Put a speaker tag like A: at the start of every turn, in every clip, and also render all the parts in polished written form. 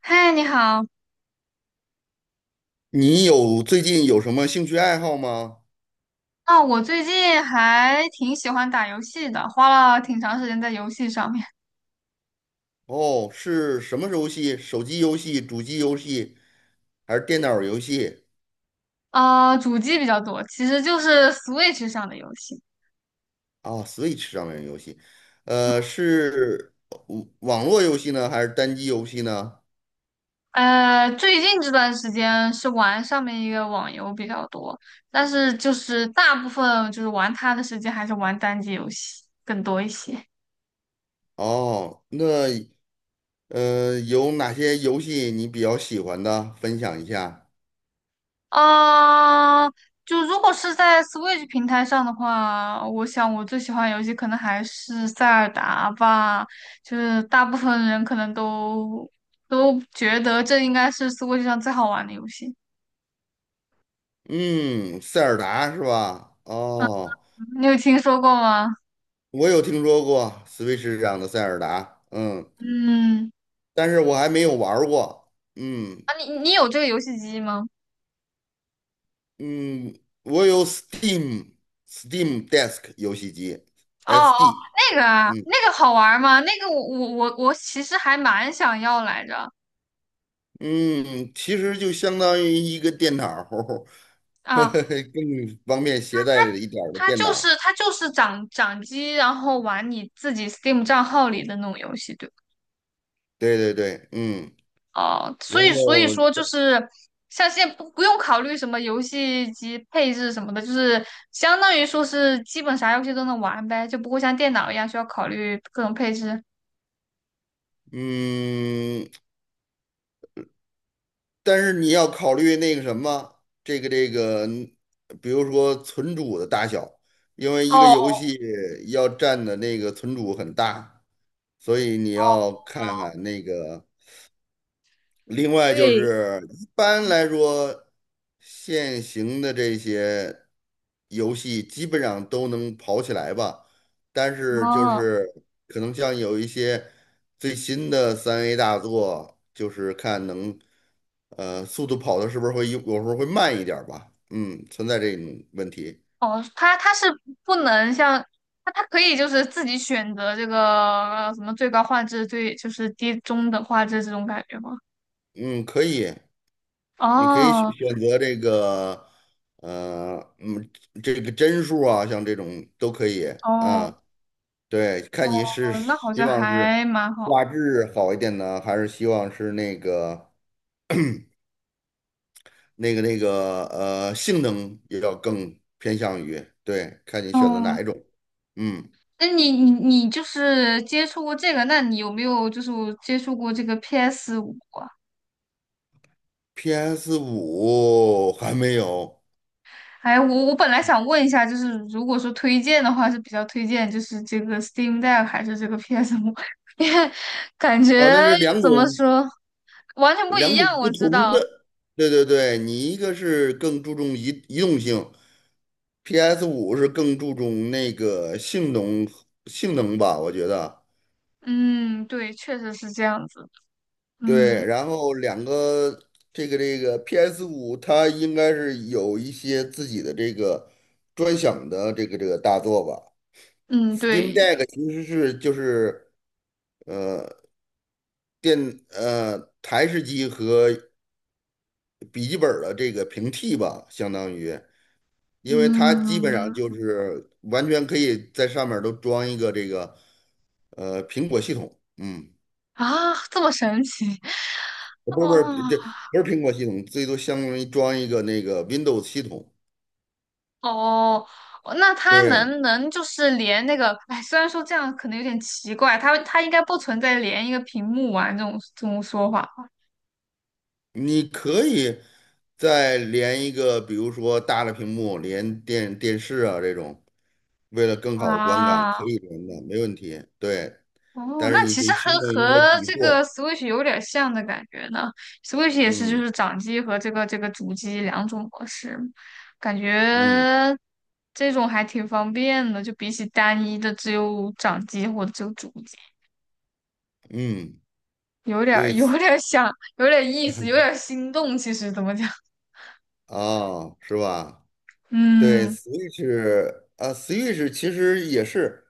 A: 嗨，你好。
B: 最近有什么兴趣爱好吗？
A: 啊，我最近还挺喜欢打游戏的，花了挺长时间在游戏上面。
B: 哦，是什么游戏？手机游戏、主机游戏，还是电脑游戏？
A: 主机比较多，其实就是 Switch 上的游戏。
B: 啊，Switch 上面的游戏，是网络游戏呢，还是单机游戏呢？
A: 最近这段时间是玩上面一个网游比较多，但是就是大部分就是玩它的时间还是玩单机游戏更多一些。
B: 哦，那有哪些游戏你比较喜欢的？分享一下。
A: 啊，就如果是在 Switch 平台上的话，我想我最喜欢的游戏可能还是塞尔达吧。就是大部分人可能都觉得这应该是 Switch 上最好玩的游戏。
B: 嗯，塞尔达是吧？哦，
A: 你有听说过吗？
B: 我有听说过 Switch 上的塞尔达，嗯，
A: 嗯，
B: 但是我还没有玩儿过。嗯，
A: 啊，你有这个游戏机吗？
B: 嗯，我有 Steam Deck 游戏机
A: 哦哦，
B: ，SD。
A: 那个啊，
B: 嗯
A: 那个好玩吗？那个我其实还蛮想要来着
B: 嗯，其实就相当于一个电脑儿，呵
A: 啊，
B: 呵，更方便携带的一点儿的
A: 它
B: 电脑
A: 就
B: 儿。
A: 是它就是掌机，然后玩你自己 Steam 账号里的那种游戏，对吧？
B: 对对对，嗯，
A: 哦，
B: 然
A: 所以
B: 后
A: 说就是像现在不用考虑什么游戏机配置什么的，就是相当于说是基本啥游戏都能玩呗，就不会像电脑一样需要考虑各种配置。
B: 嗯，但是你要考虑那个什么，这个，比如说存储的大小，因为一个游
A: 哦，
B: 戏要占的那个存储很大，所以你要看看那个。另外就
A: 对，
B: 是一般来说，现行的这些游戏基本上都能跑起来吧，但是就
A: 哦
B: 是可能像有一些最新的3A 大作，就是看能速度跑的是不是会有时候会慢一点儿吧，嗯，存在这种问题，
A: 哦，它是不能像它可以就是自己选择这个什么最高画质、最就是低中等画质这种感觉吗？
B: 嗯，可以，你可以选
A: 哦。
B: 选择呃嗯这个帧数啊，像这种都可以
A: 哦
B: 啊。对，看你是
A: 哦，那好
B: 希
A: 像
B: 望
A: 还
B: 是
A: 蛮好。
B: 画质好一点呢，还是希望是那个性能也要更偏向于，对，看你选择
A: 哦，
B: 哪一种。嗯
A: 那你就是接触过这个，那你有没有就是接触过这个 PS 五啊？
B: ，PS 五还没有
A: 哎，我本来想问一下，就是如果说推荐的话，是比较推荐就是这个 Steam Deck 还是这个 PS5？感
B: 啊？
A: 觉
B: 那是两种
A: 怎么说完全不一
B: 两种
A: 样，我
B: 不
A: 知
B: 同
A: 道。
B: 的。对对对，你一个是更注重移动性，PS 五是更注重那个性能吧，我觉得。
A: 嗯，对，确实是这样子。嗯
B: 对，然后两个这个 PS5，它应该是有一些自己的这个专享的这个大作吧。
A: 嗯，
B: Steam
A: 对，
B: Deck 其实是就是台式机和笔记本儿的这个平替吧，相当于，因为它基本上
A: 嗯
B: 就是完全可以在上面儿都装一个这个苹果系统，嗯，
A: 啊，这么神奇。哦，
B: 不是不是，这不是苹果系统，最多相当于装一个那个 Windows 系统。
A: 哦，哦那他
B: 对，
A: 能就是连那个，哎，虽然说这样可能有点奇怪，他应该不存在连一个屏幕玩这种说法
B: 你可以再连一个，比如说大的屏幕，连电视啊这种，为了更好的观感，可
A: 啊。
B: 以连的，没问题。对，
A: 哦，
B: 但是
A: 那
B: 你
A: 其实
B: 得
A: 和
B: 去弄一个
A: 和
B: 底
A: 这
B: 座儿
A: 个 Switch 有点像的感觉呢。Switch 也是就
B: 嗯
A: 是掌机和这个主机两种模式，感觉
B: 嗯
A: 这种还挺方便的，就比起单一的只有掌机或者只有主机，
B: 嗯，
A: 有点儿
B: 对，
A: 有点儿想，有点意思，有点儿心动。其实怎么讲？
B: 啊，是吧？对
A: 嗯，
B: ，Switch 啊，Switch 其实也是，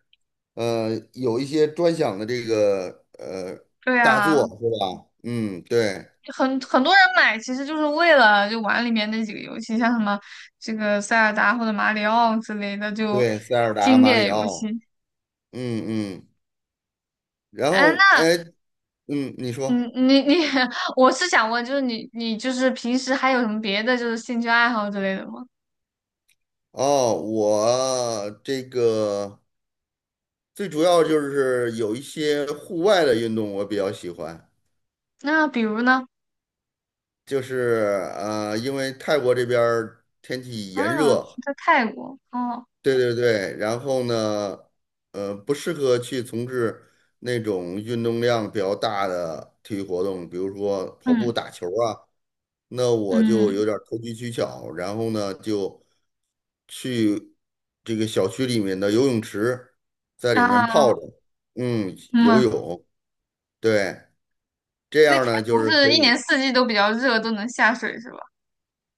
B: 有一些专享的这个
A: 对
B: 大
A: 啊，
B: 作，是吧？嗯，对
A: 很多人买其实就是为了就玩里面那几个游戏，像什么这个塞尔达或者马里奥之类的，就
B: 对，塞尔达、
A: 经
B: 马
A: 典
B: 里
A: 游戏。
B: 奥，嗯嗯。然
A: 哎，
B: 后，
A: 那
B: 哎，嗯，你说
A: 嗯，我是想问，就是你就是平时还有什么别的就是兴趣爱好之类的吗？
B: 哦，我这个最主要就是有一些户外的运动我比较喜欢，
A: 那比如呢？
B: 就是因为泰国这边儿天气炎
A: 啊，
B: 热，
A: 在泰国哦，
B: 对对对，然后呢，不适合去从事那种运动量比较大的体育活动，比如说跑步、
A: 嗯
B: 打球啊。那我就
A: 嗯
B: 有点儿投机取巧，然后呢就去这个小区里面的游泳池，在里面泡
A: 啊
B: 着，嗯，游
A: 嗯，
B: 泳，对，这
A: 所以
B: 样
A: 泰
B: 呢就
A: 国
B: 是
A: 是
B: 可
A: 一年
B: 以，
A: 四季都比较热，都能下水是吧？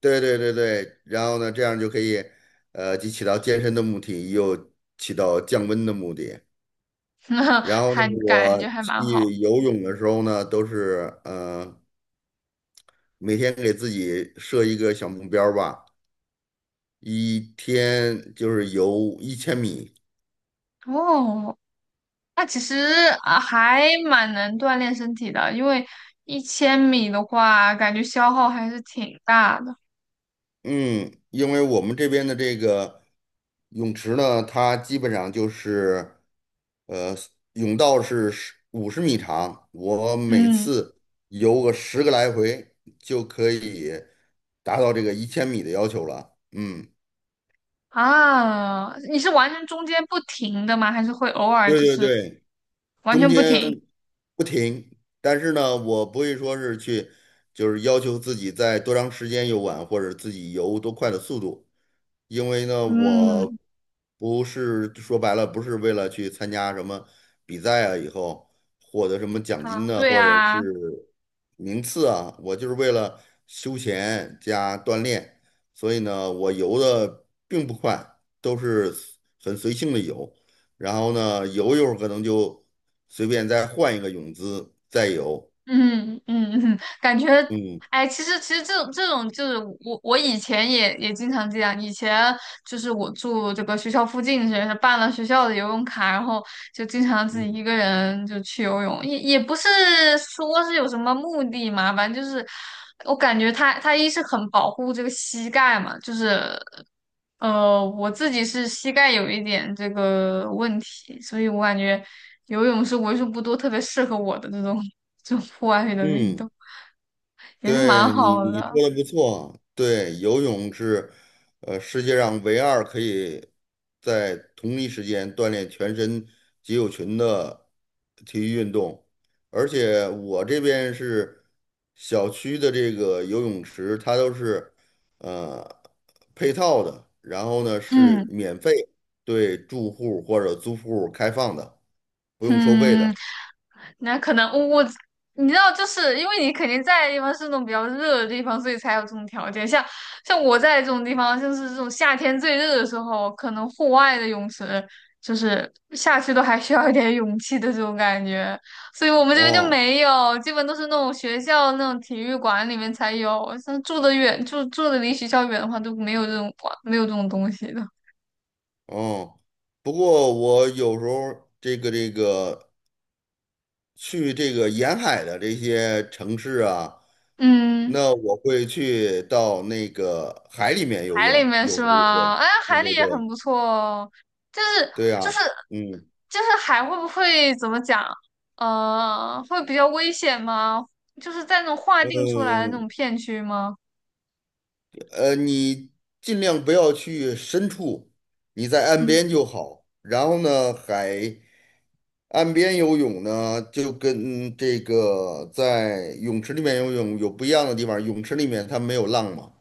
B: 对对对对，然后呢这样就可以，既起到健身的目的，又起到降温的目的。
A: 那
B: 然后呢，
A: 还感觉
B: 我
A: 还蛮
B: 去
A: 好。
B: 游泳的时候呢，都是每天给自己设一个小目标儿吧，一天就是游一千米。
A: 哦，那其实啊还蛮能锻炼身体的，因为1000米的话，感觉消耗还是挺大的。
B: 嗯，因为我们这边的这个泳池呢，它基本上就是，呃，泳道是50米长，我每
A: 嗯
B: 次游个10个来回就可以达到这个一千米的要求了。嗯，
A: 啊，你是完全中间不停的吗？还是会偶尔
B: 对
A: 就
B: 对
A: 是
B: 对，
A: 完
B: 中
A: 全不
B: 间
A: 停？
B: 不停，但是呢，我不会说是去，就是要求自己在多长时间游玩，或者自己游多快的速度。因为呢，
A: 嗯
B: 我不是说白了，不是为了去参加什么比赛啊，以后获得什么奖金
A: 啊，
B: 呢，
A: 对
B: 或者
A: 呀、
B: 是名次啊，我就是为了休闲加锻炼，所以呢，我游的并不快，都是很随性的游，然后呢，游一会儿可能就随便再换一个泳姿再游，
A: 嗯嗯嗯，感觉，
B: 嗯
A: 哎，其实这种就是我以前也经常这样，以前就是我住这个学校附近，是办了学校的游泳卡，然后就经常自己
B: 嗯
A: 一个人就去游泳，也不是说是有什么目的嘛，反正就是我感觉他一是很保护这个膝盖嘛，就是我自己是膝盖有一点这个问题，所以我感觉游泳是为数不多特别适合我的这种 这种户外的运
B: 嗯。
A: 动，也是蛮
B: 对你，
A: 好
B: 你
A: 的。
B: 说的不错。对，游泳是，世界上唯二可以在同一时间锻炼全身肌肉群的体育运动。而且我这边是小区的这个游泳池，它都是呃配套的，然后呢是
A: 嗯
B: 免费对住户或者租户开放的，不用收费
A: 嗯，
B: 的。
A: 那可能我你知道，就是因为你肯定在的地方是那种比较热的地方，所以才有这种条件。像我在这种地方，就是这种夏天最热的时候，可能户外的泳池就是下去都还需要一点勇气的这种感觉，所以我们这边就
B: 哦
A: 没有，基本都是那种学校那种体育馆里面才有。像住的远，住的离学校远的话，都没有这种馆，没有这种东西的。
B: 哦。不过我有时候这个去这个沿海的这些城市啊，
A: 嗯。
B: 那我会去到那个海里面游
A: 海里
B: 泳，
A: 面
B: 有
A: 是
B: 时候也
A: 吗？
B: 会。
A: 哎，
B: 对
A: 海里
B: 对
A: 也很
B: 对，
A: 不错哦。就是
B: 对
A: 就是
B: 啊，嗯
A: 就是海会不会怎么讲？会比较危险吗？就是在那种划定出来的那
B: 嗯
A: 种片区吗？
B: 你尽量不要去深处，你在岸边
A: 嗯
B: 就好。然后呢，海。岸边游泳呢，就跟这个在泳池里面游泳有不一样的地方。泳池里面它没有浪嘛，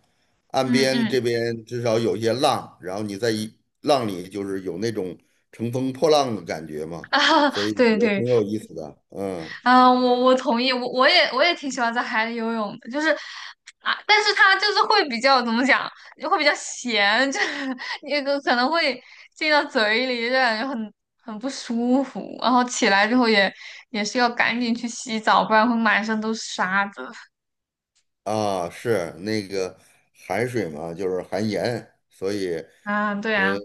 B: 岸
A: 嗯
B: 边
A: 嗯
B: 这边至少有些浪，然后你在一浪里就是有那种乘风破浪的感觉 嘛，
A: 啊，
B: 所以
A: 对
B: 也
A: 对，
B: 挺有意思的。嗯，
A: 嗯，我同意，我也挺喜欢在海里游泳的，就是啊，但是它就是会比较怎么讲，会比较咸，就是那个可能会进到嘴里，就感觉很不舒服，然后起来之后也是要赶紧去洗澡，不然会满身都是沙子。
B: 啊，是那个海水嘛，就是含盐，所以
A: 啊，对啊，
B: 呃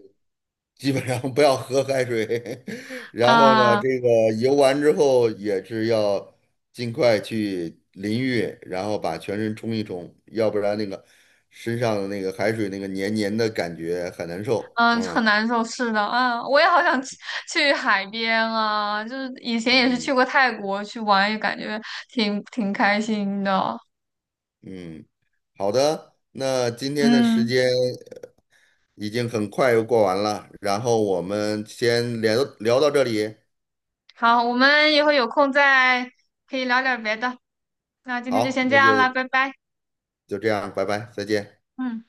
B: 基本上不要喝海水，然后呢，
A: 啊
B: 这个游完之后也是要尽快去淋浴，然后把全身冲一冲，要不然那个身上的那个海水那个黏黏的感觉很难受。
A: 嗯，很
B: 嗯
A: 难受，是的，啊，我也好想去海边啊，就是以前也是去
B: 嗯
A: 过泰国去玩，也感觉挺开心的，
B: 嗯，好的，那今天的时
A: 嗯。
B: 间已经很快又过完了，然后我们先聊到这里，
A: 好，我们以后有空再可以聊点别的。那今天就
B: 好，
A: 先这
B: 那
A: 样了，
B: 就
A: 拜拜。
B: 就这样，拜拜，再见。
A: 嗯。